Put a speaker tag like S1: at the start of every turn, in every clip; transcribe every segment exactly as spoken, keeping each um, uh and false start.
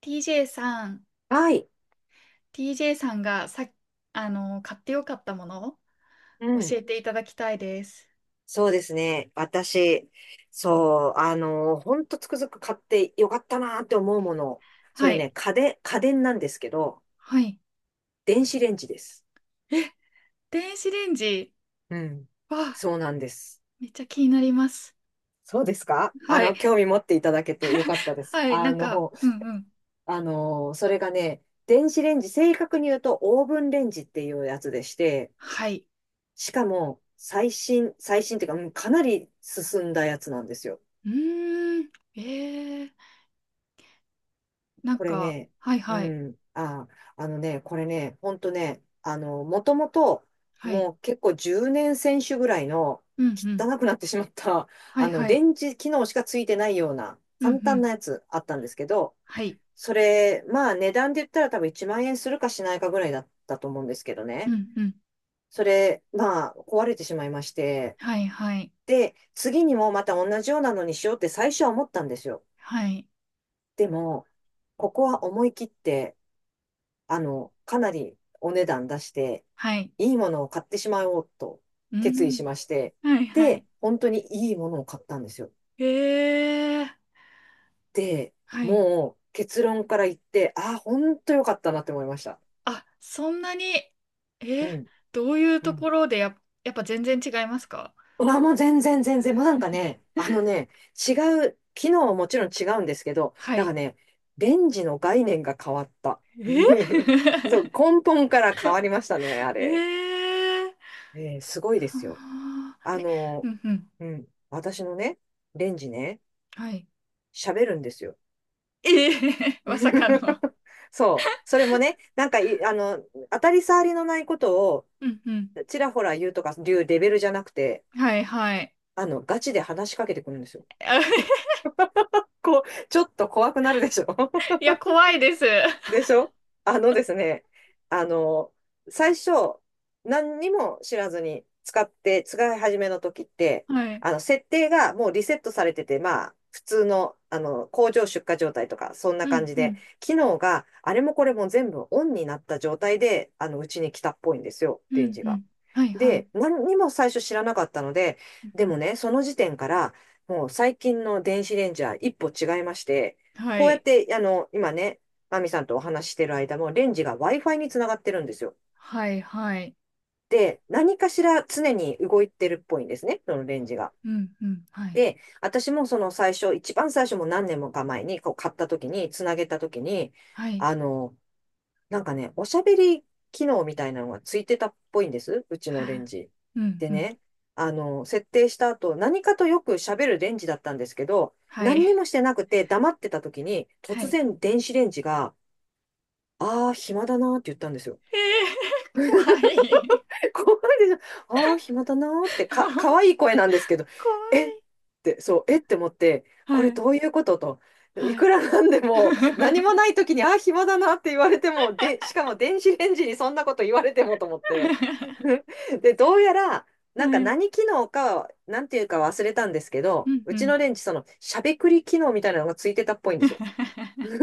S1: ティージェー さん、
S2: はい。
S1: ティージェー さんがさ、あの、買ってよかったものを
S2: うん。
S1: 教えていただきたいです。
S2: そうですね。私、そう、あの、ほんとつくづく買ってよかったなーって思うもの。そ
S1: は
S2: れ
S1: い。
S2: ね、家電、家電なんですけど、
S1: はい。
S2: 電子レンジです。
S1: え、電子レンジ。
S2: うん。
S1: わ、
S2: そうなんです。
S1: めっちゃ気になります。
S2: そうですか。あ
S1: はい。
S2: の、興味持っていただけてよかったです。
S1: はい。な
S2: あ
S1: んか、
S2: の、
S1: うんうん。
S2: あの、それがね、電子レンジ、正確に言うとオーブンレンジっていうやつでして、
S1: はい。
S2: しかも、最新、最新っていうか、うんかなり進んだやつなんですよ。
S1: うーん。えー、なん
S2: これ
S1: か、
S2: ね、
S1: はい
S2: う
S1: はい。
S2: ん、あ、あのね、これね、ほんとね、あの、もともと、
S1: はい。
S2: もう結構じゅうねん選手ぐらいの
S1: うんうん。
S2: 汚くなってしまった、
S1: はい
S2: あの、
S1: は
S2: レ
S1: い。
S2: ンジ機能しかついてないような
S1: うんう
S2: 簡単
S1: ん。
S2: なやつあったんですけど、
S1: はい。
S2: それ、まあ値段で言ったら多分いちまん円するかしないかぐらいだったと思うんですけど
S1: う
S2: ね。
S1: んうん。
S2: それ、まあ壊れてしまいまして、
S1: はいはい。
S2: で、次にもまた同じようなのにしようって最初は思ったんですよ。
S1: はい。
S2: でも、ここは思い切って、あの、かなりお値段出して、
S1: はい。
S2: いいものを買ってしまおうと
S1: う
S2: 決意し
S1: ん。
S2: まして、
S1: はいはい。
S2: で、本当にいいものを買ったんですよ。
S1: えー。
S2: で、
S1: はい。
S2: もう結論から言って、ああ、本当良かったなって思いました。
S1: あ、そんなに、
S2: う
S1: え、
S2: ん。
S1: どういう
S2: う
S1: と
S2: ん。
S1: ころでや、やっぱ全然違いますか？
S2: うわ、もう全然全然、もうなんかね、あのね、違う、機能はもちろん違うんですけど、
S1: は
S2: なんか
S1: い。
S2: ね、レンジの概念が変わった。
S1: え
S2: そう、根本から変わりましたね、あ
S1: えー、
S2: れ。えーすごいですよ。
S1: あー
S2: あ
S1: え、う
S2: の、
S1: んうん。
S2: うん、私のね、レンジね、
S1: はい。
S2: 喋るんですよ。
S1: ええ まさかの。
S2: そう。それもね、なんかい、あの、当たり障りのないことを
S1: うんうん。
S2: ちらほら言うとかいうレベルじゃなくて、
S1: はいはい。
S2: あの、ガチで話しかけてくるんですよ。
S1: あ
S2: こう、ちょっと怖くなるでしょ。
S1: いや、怖いです。
S2: でしょ。あのですね、あの、最初、何にも知らずに使って、使い始めの時って、
S1: はい。
S2: あの、設定がもうリセットされてて、まあ、普通の、あの、工場出荷状態とか、そんな
S1: う
S2: 感
S1: ん
S2: じ
S1: う
S2: で、
S1: ん。
S2: 機能があれもこれも全部オンになった状態で、あの、うちに来たっぽいんですよ、
S1: う
S2: レン
S1: ん
S2: ジ
S1: う
S2: が。
S1: ん。はいはい。
S2: で、何にも最初知らなかったので、でもね、その時点から、もう最近の電子レンジは一歩違いまして、
S1: は
S2: こうやっ
S1: い。
S2: て、あの、今ね、マミさんとお話ししてる間も、レンジが Wi-Fi につながってるんですよ。
S1: はいはい。
S2: で、何かしら常に動いてるっぽいんですね、そのレンジが。
S1: うんうん。はい。
S2: で、私もその最初、一番最初も何年もか前にこう買った時に、つなげた時に、
S1: はい。
S2: あの、なんかね、おしゃべり機能みたいなのがついてたっぽいんです、うち
S1: は
S2: のレン
S1: あ
S2: ジ。
S1: うん
S2: で
S1: うん。
S2: ね、あの、設定した後、何かとよくしゃべるレンジだったんですけど、
S1: は
S2: 何
S1: い。
S2: にもしてなくて黙ってた時に、
S1: は
S2: 突
S1: い。
S2: 然電子レンジが、ああ、暇だなーって言ったんですよ。
S1: えー、怖い。
S2: 怖いでしょ。ああ、暇だなーって、か、可 愛い声なんですけど、
S1: 怖
S2: えっ
S1: い。
S2: て、そう、えって思って、こ
S1: は
S2: れ
S1: い。
S2: どういうことと。い
S1: はい。
S2: くらなんでも、何もな い時に、ああ、暇だなって言われても、で、しかも電子レンジにそんなこと言われてもと思って。で、どうやら、
S1: は
S2: なんか
S1: い。
S2: 何機能か、なんていうか忘れたんですけ
S1: う
S2: ど、
S1: ん
S2: う
S1: う
S2: ち
S1: ん。
S2: のレンジ、その、しゃべくり機能みたいなのがついてたっぽいんですよ。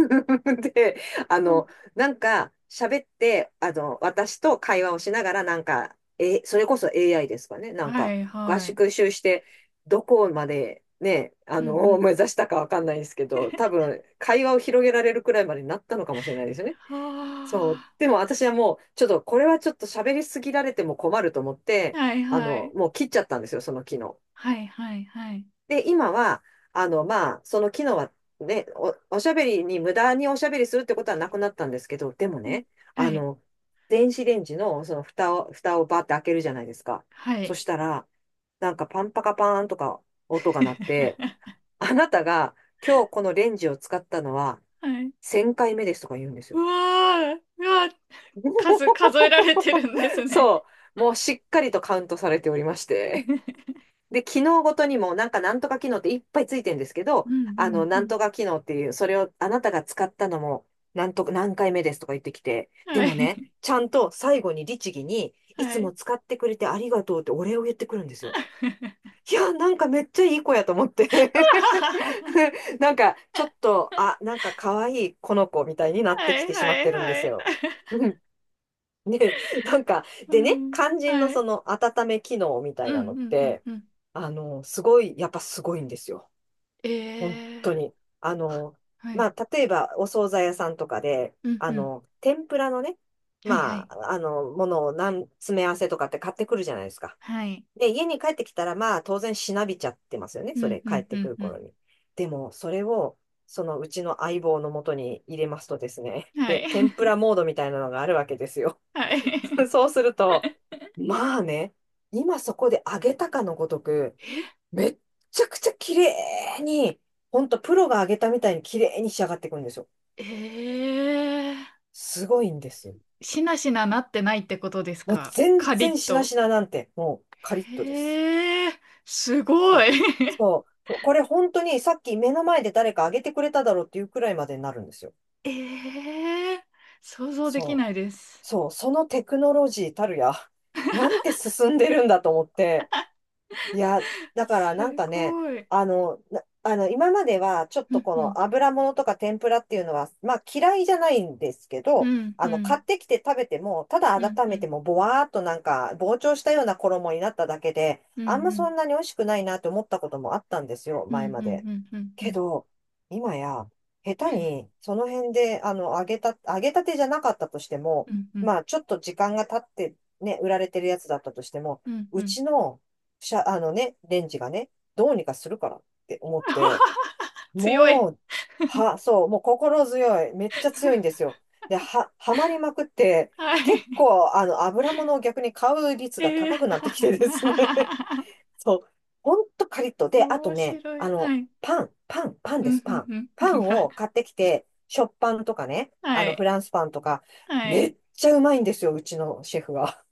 S2: で、あ
S1: うん
S2: の、なんか、喋って、あの、私と会話をしながら、なんか、え、それこそ エーアイ ですかね。なん
S1: は
S2: か、
S1: い
S2: 合
S1: はい。
S2: 宿習して、どこまで、ね、あ
S1: う
S2: の、
S1: んう
S2: を
S1: ん。
S2: 目指したかわかんないですけど、多分、会話を広げられるくらいまでになったのかもしれないですね。
S1: は
S2: そう。でも私はもう、ちょっと、これはちょっと喋りすぎられても困ると思っ
S1: あ。
S2: て、
S1: はい
S2: あ
S1: は
S2: の、
S1: い。
S2: もう切っちゃったんですよ、その昨日。
S1: はいはいはい。
S2: で、今は、あの、まあ、その機能はね、お、おしゃべりに、無駄におしゃべりするってことはなくなったんですけど、でも
S1: うん。
S2: ね、
S1: は
S2: あ
S1: い。
S2: の、電子レンジのその蓋を、蓋をバーって開けるじゃないですか。
S1: は
S2: そ
S1: い。
S2: したら、なんかパンパカパーンとか音が鳴って、あなたが今日このレンジを使ったのは
S1: はい。
S2: せんかいめですとか言うんです
S1: う
S2: よ。
S1: わー、うわー、数、数えられてるんですね。
S2: そう。もうしっかりとカウントされておりまして。
S1: う
S2: で、機能ごとにも、なんかなんとか機能っていっぱいついてるんですけど、
S1: んう
S2: あ
S1: ん
S2: の、
S1: う
S2: なん
S1: ん。
S2: とか機能っていう、それをあなたが使ったのも、なんと何回目ですとか言ってきて、で
S1: は
S2: もね、
S1: い。
S2: ちゃんと最後に律儀に、い
S1: は
S2: つも
S1: い。
S2: 使ってくれてありがとうってお礼を言ってくるんですよ。いや、なんかめっちゃいい子やと思って なんか、ちょっと、あ、なんか可愛いこの子みたいになっ
S1: は
S2: てき
S1: い
S2: てしまっ
S1: はい
S2: てるんで
S1: は
S2: す
S1: い。
S2: よ。うん。ね、なんか、
S1: は
S2: でね、
S1: い。
S2: 肝心の
S1: は
S2: そ
S1: い。
S2: の温め機能み
S1: う
S2: た
S1: ん、
S2: い
S1: う
S2: なの
S1: ん、
S2: っ
S1: うん、
S2: て、
S1: うん。
S2: あの、すごい、やっぱすごいんですよ。
S1: え
S2: 本当
S1: え
S2: に。あ
S1: は
S2: の、
S1: は
S2: ま
S1: い。
S2: あ、例えば、お惣菜屋さんとかで、
S1: うん、
S2: あ
S1: うん。
S2: の、天ぷらのね、
S1: はい、は
S2: ま
S1: い。
S2: あ、あの、ものを何、詰め合わせとかって買ってくるじゃないですか。
S1: はい。
S2: で、家に帰ってきたら、まあ、当然しなびちゃってますよね。
S1: う
S2: そ
S1: ん、
S2: れ、
S1: う
S2: 帰っ
S1: ん、う
S2: てく
S1: ん、
S2: る
S1: う
S2: 頃
S1: ん。
S2: に。でも、それを、そのうちの相棒のもとに入れますとですね、
S1: は
S2: で、
S1: い。
S2: 天ぷらモードみたいなのがあるわけですよ。
S1: はい。
S2: そうすると、まあね、今そこで上げたかのごとく、めっちゃくちゃ綺麗に、ほんとプロが上げたみたいに綺麗に仕上がっていくんですよ。
S1: ええ、
S2: すごいんです。
S1: しなしななってないってことです
S2: もう
S1: か？
S2: 全
S1: カリ
S2: 然
S1: ッ
S2: しな
S1: と。
S2: しななんて、もうカリッとです。
S1: ええ、すごい。
S2: そう。そう。これ本当にさっき目の前で誰か上げてくれただろうっていうくらいまでになるんですよ。
S1: ええ、想像でき
S2: そ
S1: な
S2: う。
S1: いです。
S2: そう。そのテクノロジーたるや、なんて進んでるんだと思って、いや、だからなん
S1: す
S2: かね、
S1: ごい。
S2: あの、なあの、今まではちょっ
S1: う
S2: と
S1: ん
S2: こ
S1: うん。
S2: の油物とか天ぷらっていうのは、まあ嫌いじゃないんですけ
S1: う
S2: ど、
S1: んう
S2: あの、買
S1: ん。
S2: ってきて食べても、ただ
S1: うん
S2: 温
S1: う
S2: め
S1: ん。
S2: てもぼわーっとなんか膨張したような衣になっただけで、
S1: うんう
S2: あんま
S1: ん。
S2: そんなに美味しくないなって思ったこともあったんですよ、
S1: うんうん。
S2: 前まで。
S1: うんう
S2: け
S1: ん。
S2: ど、今や、下手にその辺で、あの、揚げた、揚げたてじゃなかったとして
S1: う
S2: も、
S1: んうん。うんうん。
S2: まあちょっと時間が経ってね、売られてるやつだったとしても、
S1: うんう
S2: う
S1: ん。
S2: ちのしゃ、あのね、レンジがね、どうにかするからって思って、
S1: 強い。
S2: もう、は、そう、もう心強い。めっちゃ強いんですよ。で、は、はまりまくって、
S1: は
S2: 結
S1: い。
S2: 構、あの、油物を逆に買う率が
S1: えー、
S2: 高くなってきてですね。そう、ほんとカリッと。で、あと
S1: 面
S2: ね、
S1: 白
S2: あ
S1: い。
S2: の、
S1: はい。
S2: パン、パン、パン
S1: う
S2: で
S1: ん
S2: す、パン。
S1: うんうん
S2: パン を買ってきて、食パンとかね、あ
S1: は
S2: の、フ
S1: い。
S2: ランスパンとか、
S1: は
S2: め
S1: い。
S2: っちゃうまいんですよ、うちのシェフは。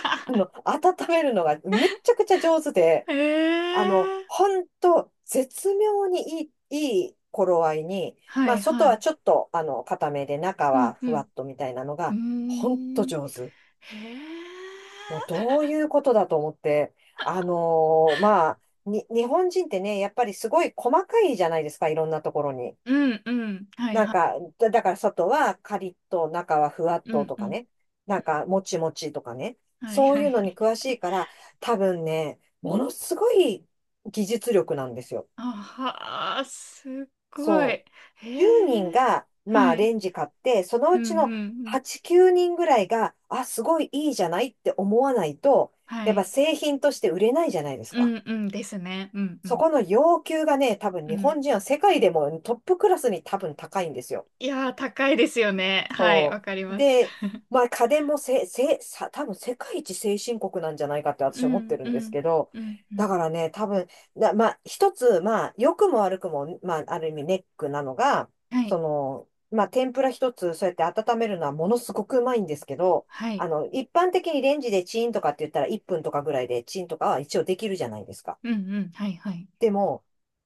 S2: あの、温めるのがめっちゃくちゃ上手で、
S1: え
S2: あの、
S1: えー、
S2: ほんと、絶妙にいい、いい頃合いに、
S1: は
S2: まあ、
S1: い
S2: 外
S1: はい。
S2: はちょっと、あの、固めで、中
S1: う
S2: は
S1: んう
S2: ふわ
S1: ん。
S2: っとみたいなの
S1: うー
S2: が、ほんと
S1: ん。
S2: 上手。
S1: へえ。
S2: もう、どういうことだと思って、あのーまあ、に、日本人ってね、やっぱりすごい細かいじゃないですか、いろんなところに。
S1: うんうん。はい
S2: なん
S1: はい。
S2: か、だだから外はカリッと、中はふわっ
S1: う
S2: と
S1: ん
S2: と
S1: う
S2: か
S1: ん。
S2: ね、なんか、もちもちとかね、
S1: はい
S2: そう
S1: は
S2: いう
S1: い。
S2: のに詳しいから、多分ね、ものすごい技術力なんですよ。
S1: あはあ、すっごい。
S2: そう。じゅうにん
S1: へえ。
S2: が、ま
S1: は
S2: あ、
S1: い。
S2: レンジ買って、その
S1: うん
S2: うち
S1: う
S2: の
S1: んうん。
S2: はち、きゅうにんぐらいが、あ、すごいいいじゃないって思わないと、
S1: は
S2: やっぱ
S1: い。
S2: 製品として売れないじゃないです
S1: う
S2: か。
S1: んうんですね。うんう
S2: そ
S1: ん。
S2: この要求がね、多分
S1: う
S2: 日
S1: ん、
S2: 本人は世界でもトップクラスに多分高いんですよ。
S1: いやー、高いですよね。はい、わ
S2: そ
S1: かり
S2: う。
S1: ます。
S2: で、まあ家電もせ、せ、さ、多分世界一先進国なんじゃないかって
S1: う
S2: 私は思って
S1: ん、
S2: る
S1: う
S2: んです
S1: ん、
S2: けど、
S1: うん、うん。
S2: だからね、多分、だ、まあ一つ、まあ良くも悪くも、まあある意味ネックなのが、
S1: はい、
S2: その、まあ天ぷら一つそうやって温めるのはものすごくうまいんですけど、
S1: はい。
S2: あの、一般的にレンジでチンとかって言ったらいっぷんとかぐらいでチンとかは一応できるじゃないですか。
S1: うん、うん、はい、はい。
S2: でも、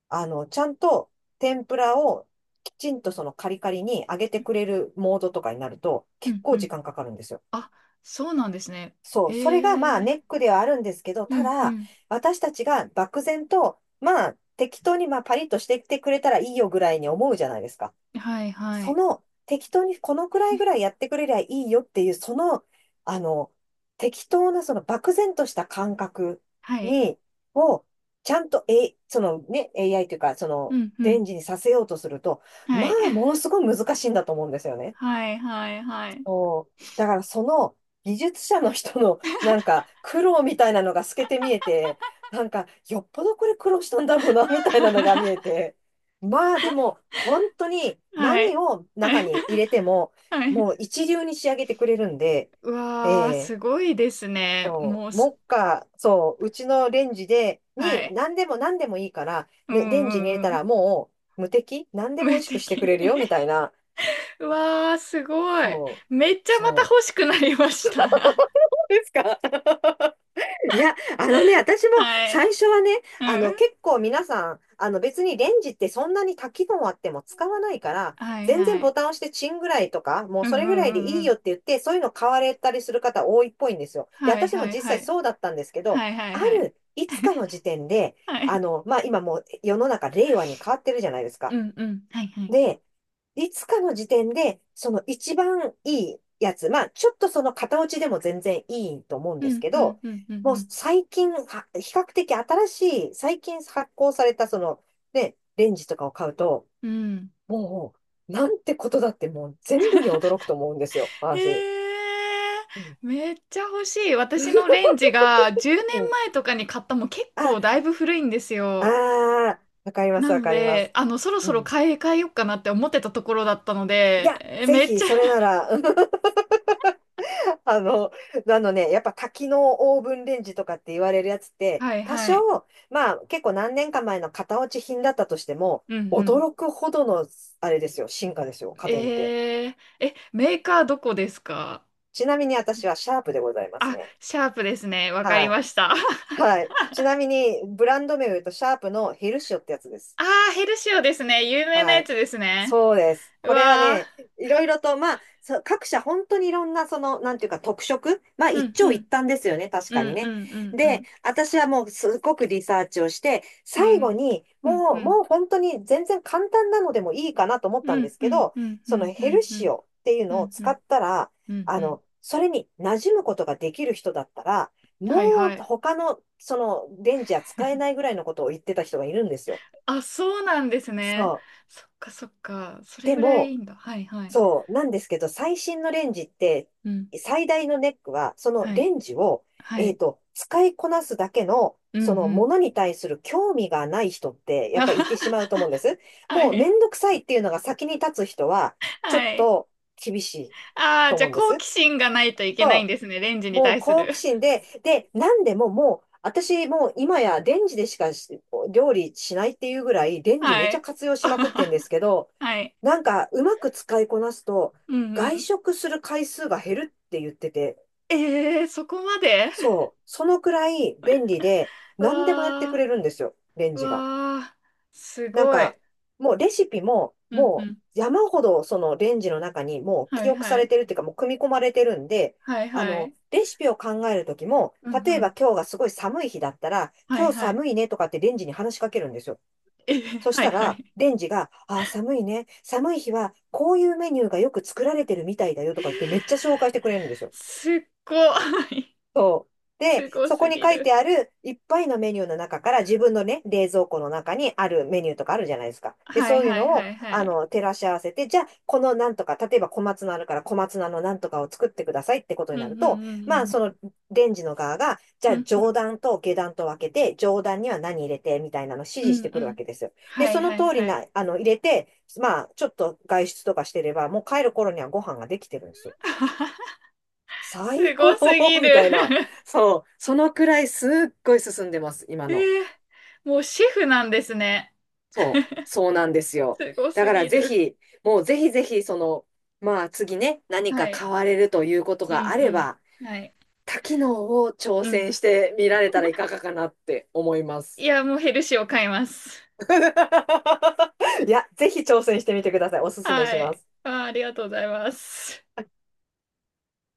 S2: あの、ちゃんと天ぷらをきちんとそのカリカリに揚げてくれるモードとかになると
S1: う
S2: 結
S1: ん、う
S2: 構時
S1: ん。
S2: 間かかるんですよ。
S1: あ、そうなんですね。
S2: そう、それが
S1: ええ
S2: ま
S1: ー。
S2: あネックではあるんですけど、
S1: う
S2: た
S1: ん、う
S2: だ
S1: ん。
S2: 私たちが漠然とまあ適当にまあパリッとしてきてくれたらいいよぐらいに思うじゃないですか。
S1: はい、は
S2: そ
S1: い。
S2: の適当にこのくらいぐらいやってくれりゃいいよっていう、その、あの、適当なその漠然とした感覚
S1: はい。
S2: に、を、ちゃんと、え、そのね、エーアイ というか、そ
S1: う
S2: の、
S1: ん、うん。
S2: 電磁にさせようとすると、
S1: は
S2: ま
S1: い。
S2: あ、もの すごい難しいんだと思うんですよね。
S1: はい、はい、はい。
S2: そう。だからその技術者の人のなんか苦労みたいなのが透けて見えて、なんかよっぽどこれ苦労したんだろうなみたいなのが見え て。まあでも本当に
S1: は
S2: 何
S1: い。
S2: を
S1: はい。
S2: 中に入 れても
S1: はい。
S2: もう一流に仕上げてくれるんで、
S1: う
S2: え
S1: わー、
S2: え、
S1: すごいですね。
S2: そ
S1: もう
S2: う、
S1: す、
S2: 目下、そう、うちのレンジで、
S1: は
S2: に
S1: い。
S2: 何でも何でもいいから、
S1: う
S2: ね、レ
S1: ん、う
S2: ンジに入れ
S1: ん、
S2: た
S1: うん。
S2: らもう無敵、何 でも美
S1: 無
S2: 味しくしてく
S1: 敵。
S2: れるよみたいな。
S1: うわー、すごい。
S2: そう、
S1: めっちゃまた
S2: そ
S1: 欲しくなりました。
S2: う。ですか。いや、あのね、私も
S1: は
S2: 最
S1: い。
S2: 初はね、
S1: う
S2: あの、
S1: ん。
S2: 結構皆さん、あの、別にレンジってそんなに多機能あっても使わないから、
S1: はい
S2: 全然
S1: は
S2: ボ
S1: い。
S2: タン押してチンぐらいとか、もう
S1: うんう
S2: それぐらい
S1: んう
S2: で
S1: ん
S2: い
S1: う
S2: い
S1: ん。
S2: よって言って、そういうの買われたりする方多いっぽいんですよ。で、
S1: はい
S2: 私
S1: は
S2: も
S1: い
S2: 実
S1: は
S2: 際
S1: い。
S2: そうだったんですけど、
S1: はいはい
S2: あ
S1: はい。
S2: る、いつかの時点で、
S1: は
S2: あ
S1: い。
S2: の、まあ、今もう世の中令和に変わってるじゃないです
S1: う
S2: か。
S1: んうん。はいはい。
S2: で、いつかの時点で、その一番いいやつ、まあ、ちょっとその型落ちでも全然いいと思うん
S1: う
S2: です
S1: ん
S2: け
S1: うん
S2: ど、
S1: うんうん
S2: も
S1: う
S2: う
S1: ん。
S2: 最近、は比較的新しい、最近発行されたその、ね、レンジとかを買うと、
S1: うん。
S2: もう、なんてことだってもう全部に驚くと思うんですよ、
S1: へ
S2: 私。
S1: え、
S2: うん。
S1: めっちゃ欲しい。私のレンジが10年
S2: うん。
S1: 前とかに買った、もう結
S2: あ、
S1: 構だいぶ古いんです
S2: あ
S1: よ。
S2: ー、わかりま
S1: な
S2: す、わ
S1: の
S2: かりま
S1: で、
S2: す。
S1: あの、そろ
S2: う
S1: そろ
S2: ん。
S1: 買い替えようかなって思ってたところだったの
S2: い
S1: で、
S2: や、
S1: え
S2: ぜ
S1: めっ
S2: ひ、
S1: ちゃ、
S2: それなら、あの、あのね、やっぱ多機能オーブンレンジとかって言われるやつって、
S1: はい
S2: 多
S1: はい。
S2: 少、まあ結構何年か前の型落ち品だったとしても、
S1: うんうん
S2: 驚くほどの、あれですよ、進化ですよ、家電って。
S1: えー、え、メーカーどこですか
S2: ちなみに私はシャープでございます
S1: あ？
S2: ね。
S1: シャープですね。わか
S2: は
S1: り
S2: い。
S1: ました。
S2: はい。ちなみに、ブランド名を言うと、シャープのヘルシオってやつです。
S1: あー、ヘルシオですね。有名な
S2: は
S1: や
S2: い。
S1: つですね。
S2: そうです。
S1: う
S2: これは
S1: わ
S2: ね、いろいろと、まあ、そう各社本当にいろんな、その、なんていうか特色、まあ、
S1: ー。う
S2: 一
S1: ん、う
S2: 長一
S1: ん、
S2: 短ですよね、確
S1: う
S2: かに
S1: ん、う
S2: ね。
S1: ん、うん、う
S2: で、
S1: ん、
S2: 私はもうすごくリサーチをして、
S1: う
S2: 最後
S1: ん、
S2: に、
S1: うん、
S2: も
S1: う
S2: う、も
S1: ん、
S2: う本当に全然簡単なのでもいいかなと思った
S1: う
S2: んで
S1: ん、
S2: す
S1: う
S2: け
S1: ん、
S2: ど、
S1: うん、う
S2: その
S1: ん、う
S2: ヘル
S1: ん、う
S2: シ
S1: ん、
S2: オっていう
S1: う
S2: のを
S1: ん、う
S2: 使
S1: ん、
S2: ったら、
S1: うん、
S2: あ
S1: うん。
S2: の、それに馴染むことができる人だったら、も
S1: はい、は
S2: う
S1: い。
S2: 他の、その、レンジは使えないぐらいのことを言ってた人がいるんですよ。
S1: あ、そうなんです
S2: そ
S1: ね。
S2: う。
S1: そっか、そっか。それ
S2: で
S1: ぐらい
S2: も、
S1: いいんだ。はい、はい。
S2: そう、なんですけど、最新のレンジって、
S1: うん、
S2: 最大のネックは、その
S1: はい、
S2: レンジを、
S1: は
S2: えっ
S1: い。
S2: と、使いこなすだけの、
S1: うん、う
S2: そのも
S1: ん。
S2: のに対する興味がない人って、やっぱりいてしまうと思うんです。
S1: は
S2: もうめ
S1: い、
S2: んどくさいっていうのが先に立つ人は、ちょ
S1: は
S2: っ
S1: い。
S2: と厳しい
S1: ああ、
S2: と
S1: じゃ
S2: 思
S1: あ
S2: うんで
S1: 好奇
S2: す。
S1: 心がないといけないんですね、レンジに
S2: もう
S1: 対す
S2: 好
S1: る。
S2: 奇心で、で、なんでももう、私もう今やレンジでしかし料理しないっていうぐらい、レンジ
S1: は
S2: めちゃ
S1: い。
S2: 活用しまくってんで すけど、
S1: はい。
S2: なんかうまく使いこなすと、
S1: うんう
S2: 外
S1: ん。
S2: 食する回数が減るって言ってて、
S1: えー、そこまで？
S2: そう、そのくらい便利で、何でもやってく
S1: わ
S2: れるんですよ、レン
S1: ー、
S2: ジが。
S1: わー、す
S2: なん
S1: ごい。
S2: か、もうレシピも、
S1: うんう
S2: も
S1: ん。
S2: う山ほどそのレンジの中にもう
S1: は
S2: 記
S1: い
S2: 憶さ
S1: は
S2: れ
S1: い。
S2: てるっていうか、もう組み込まれてるんで、
S1: はい
S2: あ
S1: は
S2: の、
S1: い。
S2: レシピを考えるときも、
S1: うん
S2: 例え
S1: う
S2: ば
S1: ん。
S2: 今日がすごい寒い日だったら、
S1: は
S2: 今
S1: い
S2: 日
S1: はい。
S2: 寒いねとかってレンジに話しかけるんですよ。
S1: えー、
S2: そし
S1: はい
S2: た
S1: は
S2: ら、
S1: い。
S2: レンジが、ああ、寒いね。寒い日は、こういうメニューがよく作られてるみたいだよとか言ってめっちゃ紹介してくれるんですよ。
S1: すっごい。
S2: そう。で、
S1: すご
S2: そこ
S1: す
S2: に
S1: ぎ
S2: 書いて
S1: る。
S2: あるいっぱいのメニューの中から自分のね、冷蔵庫の中にあるメニューとかあるじゃないですか。で、
S1: はい
S2: そういう
S1: はい
S2: のを、
S1: はいは
S2: あ
S1: い。
S2: の、照らし合わせて、じゃあ、このなんとか、例えば小松菜あるから小松菜のなんとかを作ってくださいってこと
S1: うん
S2: に
S1: うん
S2: なると、
S1: う
S2: まあ、
S1: ん
S2: そのレンジの側が、じ
S1: う
S2: ゃ
S1: んう
S2: あ、
S1: ん。うんう
S2: 上
S1: ん。
S2: 段と下段と分けて、上段には何入れて、みたいなのを指
S1: う
S2: 示し
S1: ん
S2: てく
S1: う
S2: るわ
S1: ん。
S2: けですよ。で、
S1: はい
S2: その
S1: はい
S2: 通り
S1: はい。
S2: な、あの、入れて、まあ、ちょっと外出とかしてれば、もう帰る頃にはご飯ができてるんですよ。
S1: す
S2: 最
S1: ご
S2: 高
S1: すぎ
S2: み
S1: る。
S2: たいな。そう。そのくらいすっごい進んでます、今
S1: え
S2: の。
S1: ー、もうシェフなんですね。
S2: そう。そうなんですよ。
S1: すご
S2: だ
S1: す
S2: から
S1: ぎ
S2: ぜ
S1: る。
S2: ひ、もうぜひぜひ、その、まあ次ね、何
S1: は
S2: か
S1: い。
S2: 買われるということ
S1: うん
S2: があれば、
S1: うんはい。
S2: 多機能を挑
S1: うん。
S2: 戦してみられたらいかがかなって思いま
S1: い
S2: す。
S1: や、もうヘルシーを買います。
S2: いや、ぜひ挑戦してみてください。おすすめし
S1: は
S2: ま
S1: い。
S2: す。
S1: あー、ありがとうございます。